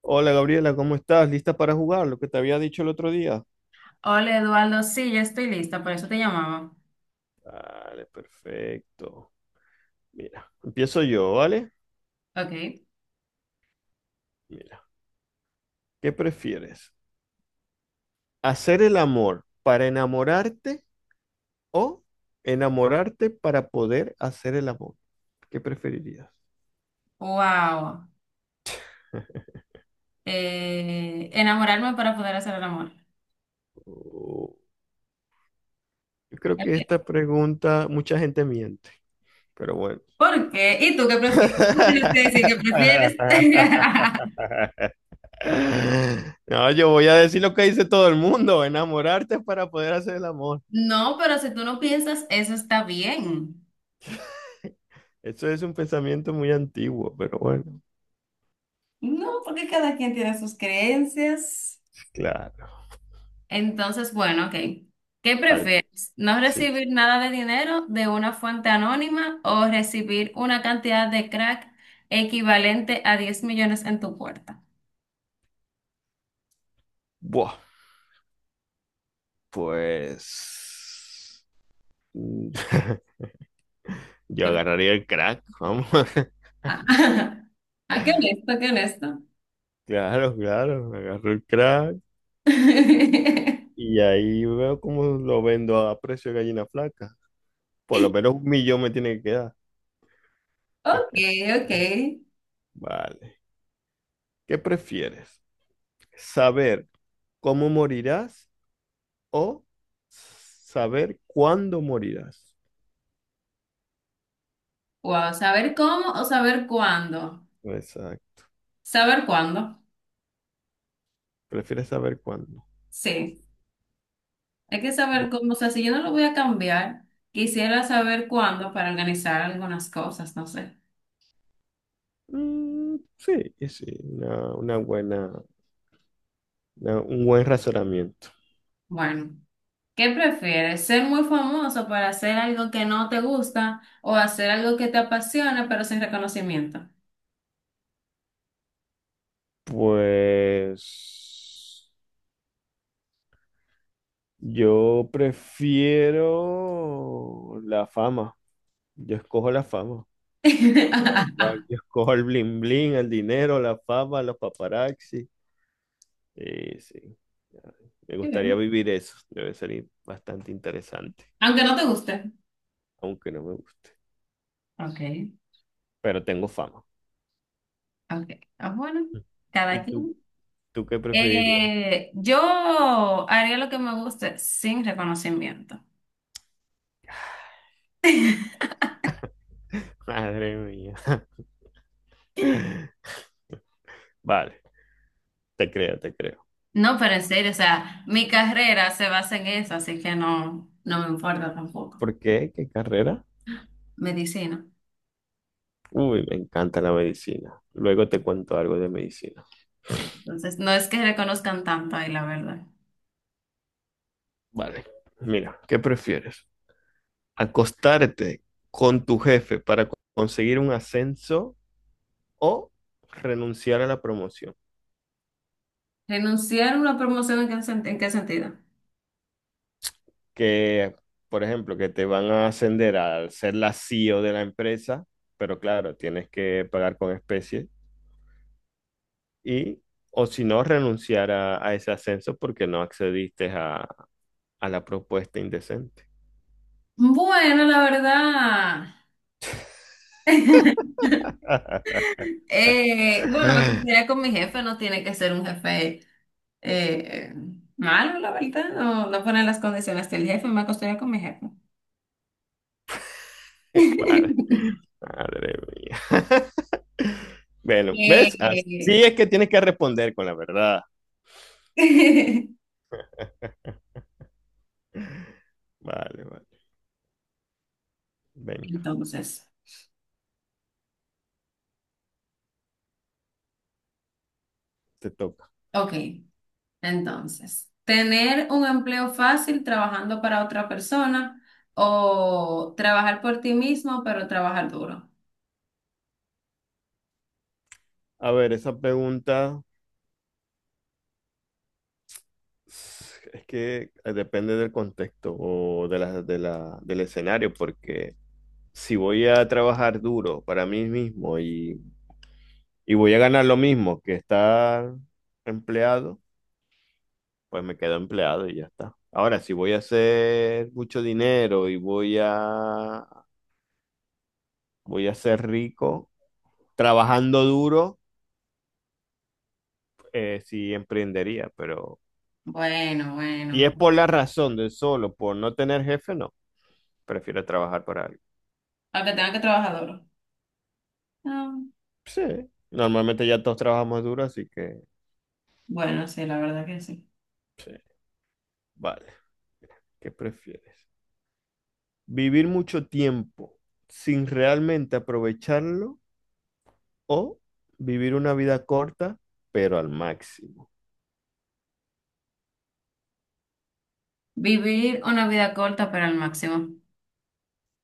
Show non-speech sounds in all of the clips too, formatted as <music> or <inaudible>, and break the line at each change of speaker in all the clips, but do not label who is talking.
Hola Gabriela, ¿cómo estás? ¿Lista para jugar? Lo que te había dicho el otro día.
Hola Eduardo, sí, ya estoy lista, por eso te llamaba.
Vale, perfecto. Mira, empiezo yo, ¿vale?
Ok.
Mira, ¿qué prefieres? ¿Hacer el amor para enamorarte o enamorarte para poder hacer el amor? ¿Qué preferirías?
Wow.
<laughs>
Enamorarme para poder hacer el amor.
Oh, yo creo que esta
Ok.
pregunta mucha gente miente, pero bueno.
¿Por qué? ¿Y tú qué prefieres? Tú tienes que
<laughs>
decir qué prefieres. <laughs>
No, yo voy a decir lo que dice todo el mundo, enamorarte para poder hacer el amor.
No, pero si tú no piensas, eso está bien.
Eso es un pensamiento muy antiguo, pero bueno,
No, porque cada quien tiene sus creencias.
claro.
Entonces, bueno, ok. ¿Qué
Vale,
prefieres? ¿No
sí.
recibir nada de dinero de una fuente anónima o recibir una cantidad de crack equivalente a 10 millones en tu puerta?
Buah, pues mm, <laughs> yo
¿Qué-
agarraría el crack, vamos. <laughs>
Ah, <laughs> ah, qué honesto, qué honesto.
Claro, claro, agarro el crack
<laughs>
y ahí veo cómo lo vendo a precio de gallina flaca. Por lo menos 1 millón me tiene que quedar.
Ok, ok.
Vale. ¿Qué prefieres? ¿Saber cómo morirás o saber cuándo morirás?
Wow, saber cómo o saber cuándo.
Exacto.
Saber cuándo.
¿Prefieres saber cuándo?
Sí, hay que saber cómo. O sea, si yo no lo voy a cambiar, quisiera saber cuándo para organizar algunas cosas, no sé.
Mm, sí, sí, un buen razonamiento.
Bueno, ¿qué prefieres? ¿Ser muy famoso para hacer algo que no te gusta o hacer algo que te apasiona pero sin reconocimiento?
Pues yo prefiero la fama. Yo escojo la fama.
<laughs> Qué
Igual yo escojo el bling bling, el dinero, la fama, los paparazzi. Sí, sí. Me gustaría
bien.
vivir eso. Debe ser bastante interesante,
Aunque no te guste.
aunque no me guste.
Ok.
Pero tengo fama.
Ok, ah, bueno, cada
¿Y tú,
quien.
tú qué preferirías?
Yo haría lo que me guste sin reconocimiento. <laughs>
Madre mía. <laughs> Vale. Te creo, te creo.
No, pero en serio, o sea, mi carrera se basa en eso, así que no, no me importa tampoco.
¿Por qué? ¿Qué carrera?
Medicina,
Uy, me encanta la medicina. Luego te cuento algo de medicina.
sí. Entonces, no es que reconozcan tanto ahí, la verdad.
Vale. Mira, ¿qué prefieres? ¿Acostarte con tu jefe para conseguir un ascenso o renunciar a la promoción?
¿Renunciar a una promoción en qué, en qué sentido?
Que, por ejemplo, que te van a ascender a ser la CEO de la empresa, pero claro, tienes que pagar con especies. Y, o si no, renunciar a ese ascenso porque no accediste a la propuesta indecente.
Bueno, la verdad. <laughs>
<laughs>
Bueno, me
<laughs>
gustaría con mi jefe, no tiene que ser un jefe. Eh, Malo, la verdad, no, no ponen las condiciones del jefe, me acostumbré con mi jefe.
Madre,
<laughs>
madre mía. <laughs> Bueno, ¿ves?
Eh,
Así es que tienes que responder con la verdad.
<laughs>
Vale, vale. Venga,
Entonces,
te toca.
ok, entonces, tener un empleo fácil trabajando para otra persona o trabajar por ti mismo, pero trabajar duro.
A ver, esa pregunta es que depende del contexto o del escenario, porque si voy a trabajar duro para mí mismo y voy a ganar lo mismo que estar empleado, pues me quedo empleado y ya está. Ahora, si voy a hacer mucho dinero y voy a voy a ser rico trabajando duro, sí emprendería, pero
Bueno,
si
bueno,
es por la razón de solo, por no tener jefe, no, prefiero trabajar para alguien.
aunque tenga que trabajar duro. Ah,
Sí, normalmente ya todos trabajamos duro, así que
bueno, sí, la verdad que sí.
vale, ¿qué prefieres? ¿Vivir mucho tiempo sin realmente aprovecharlo o vivir una vida corta, pero al máximo?
Vivir una vida corta, pero al máximo.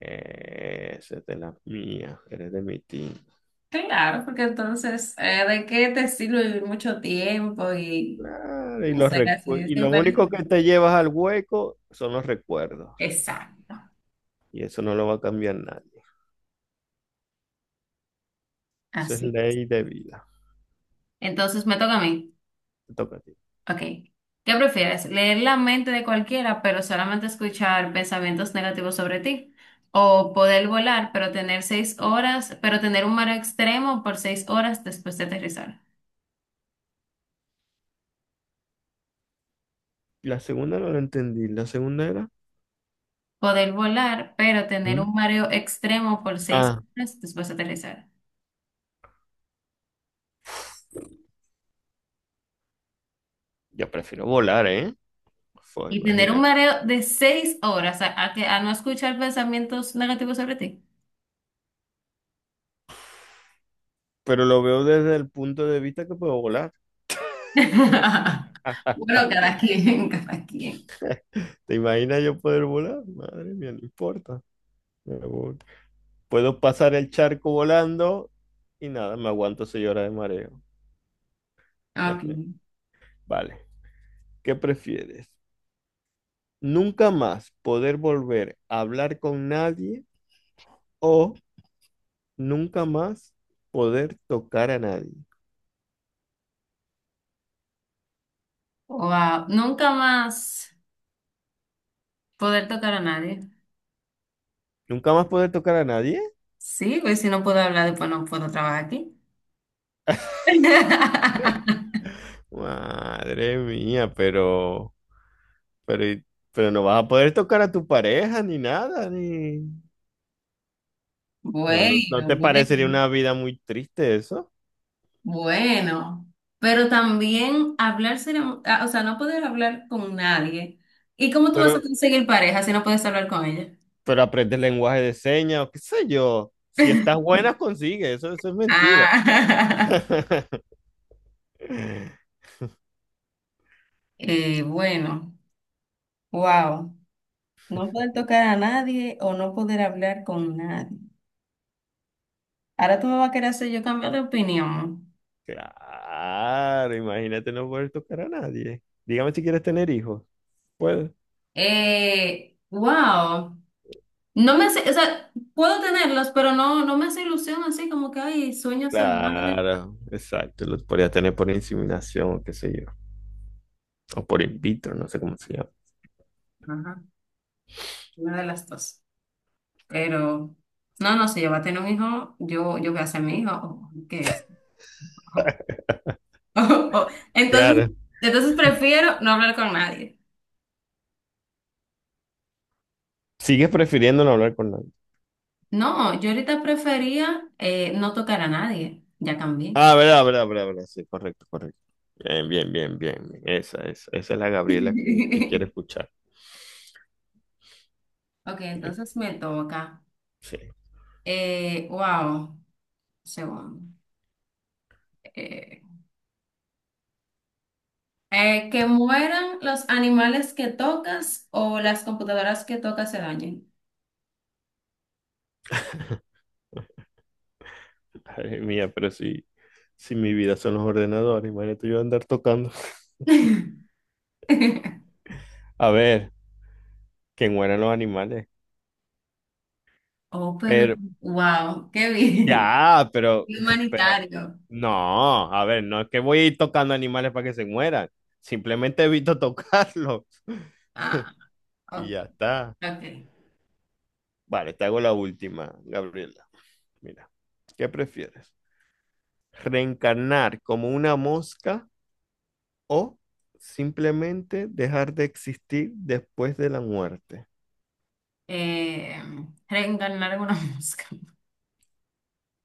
Esa es de la mía, eres de mi team.
Claro, porque entonces, ¿de qué te sirve vivir mucho tiempo y
Claro, y
no sé, así
y
es
lo único
imperecible?
que te llevas al hueco son los recuerdos.
Exacto,
Y eso no lo va a cambiar nadie. Eso es
así.
ley de vida.
Entonces me toca a mí.
Te toca a ti.
Ok. ¿Qué prefieres? ¿Leer la mente de cualquiera, pero solamente escuchar pensamientos negativos sobre ti? ¿O poder volar, pero tener un mareo extremo por 6 horas después de aterrizar?
La segunda no la entendí. La segunda era.
Poder volar, pero tener
¿Mm?
un mareo extremo por seis
Ah,
horas después de aterrizar.
yo prefiero volar, ¿eh? Fue,
Y tener un
imagínate.
mareo de 6 horas a que, a no escuchar pensamientos negativos sobre ti.
Pero lo veo desde el punto de vista que puedo volar.
<laughs> Bueno, cada quien, <laughs> cada quien.
¿Te imaginas yo poder volar? Madre mía, no importa. Me voy. Puedo pasar el charco volando y nada, me aguanto 6 horas de mareo.
Ok.
<laughs> Vale. ¿Qué prefieres? ¿Nunca más poder volver a hablar con nadie o nunca más poder tocar a nadie?
Wow, nunca más poder tocar a nadie.
¿Nunca más poder tocar a nadie?
Sí, pues si no puedo hablar, después no puedo trabajar aquí. <laughs>
Madre mía, pero, y- pero no vas a poder tocar a tu pareja ni nada, ni... No, no, ¿no
Bueno,
te parecería
bueno,
una vida muy triste eso?
bueno. Pero también hablar será ah, o sea, no poder hablar con nadie. ¿Y cómo tú
Pero,
vas a conseguir pareja si no puedes hablar con ella?
pero aprendes lenguaje de señas o qué sé yo. Si estás
<laughs>
buena, consigues. Eso es mentira.
Ah.
<laughs>
Bueno, wow. No poder tocar a nadie o no poder hablar con nadie. Ahora tú me vas a querer hacer yo cambiar de opinión.
Claro, imagínate no poder tocar a nadie. Dígame si quieres tener hijos. Puedes.
Wow. No me hace, o sea, puedo tenerlos, pero no, no me hace ilusión así como que, ay, sueño ser madre.
Claro, exacto. Los podrías tener por inseminación, o qué sé yo. O por in vitro, no sé cómo se llama.
Ajá, una de las dos. Pero, no, no, si yo voy a tener un hijo, yo voy a ser mi hijo. O ¿qué es? <laughs> Entonces,
Claro.
entonces prefiero no hablar con nadie.
Sigues prefiriendo no hablar con nadie.
No, yo ahorita prefería no tocar a nadie. Ya cambié.
Ah, verdad, verdad, verdad, verdad. Sí, correcto, correcto. Bien, bien, bien, bien, bien. Esa es la Gabriela que quiere
<laughs>
escuchar.
Ok,
Sí,
entonces me toca.
sí.
Wow, segundo. Eh, que mueran los animales que tocas o las computadoras que tocas se dañen.
<laughs> Madre mía, pero si mi vida son los ordenadores, imagínate yo andar tocando. <laughs>
<laughs>
A ver, que mueran los animales.
Oh, pero
Pero,
wow, qué bien.
ya,
<laughs> Qué
<laughs> pero,
humanitario.
no, a ver, no es que voy a ir tocando animales para que se mueran. Simplemente evito <laughs> tocarlos
Ah,
y
ok,
ya está.
ok.
Vale, te hago la última, Gabriela. Mira, ¿qué prefieres? ¿Reencarnar como una mosca o simplemente dejar de existir después de la muerte?
Eh, Reencarnar en una <laughs> mosca.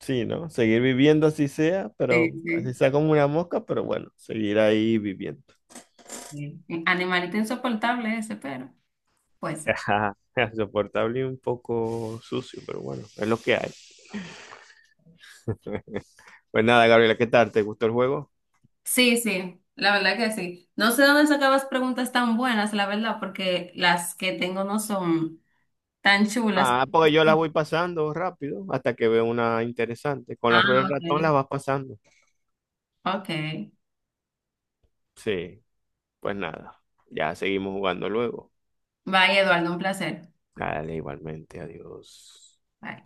Sí, ¿no? Seguir viviendo así sea,
Sí,
pero así
sí.
sea como una mosca, pero bueno, seguir ahí viviendo.
Sí. Animalito insoportable ese, pero puede ser.
Ajá, <laughs> soportable y un poco sucio, pero bueno, es lo que hay. Pues nada, Gabriela, ¿qué tal? ¿Te gustó el juego?
Sí, sí, la verdad que sí. No sé dónde sacabas preguntas tan buenas, la verdad, porque las que tengo no son tan chulas.
Ah, porque yo las voy pasando rápido hasta que veo una interesante. Con la
Ah,
rueda del ratón
ok.
las vas pasando.
Ok.
Sí, pues nada, ya seguimos jugando luego.
Bye, Eduardo, un placer.
Dale, igualmente, adiós.
Bye.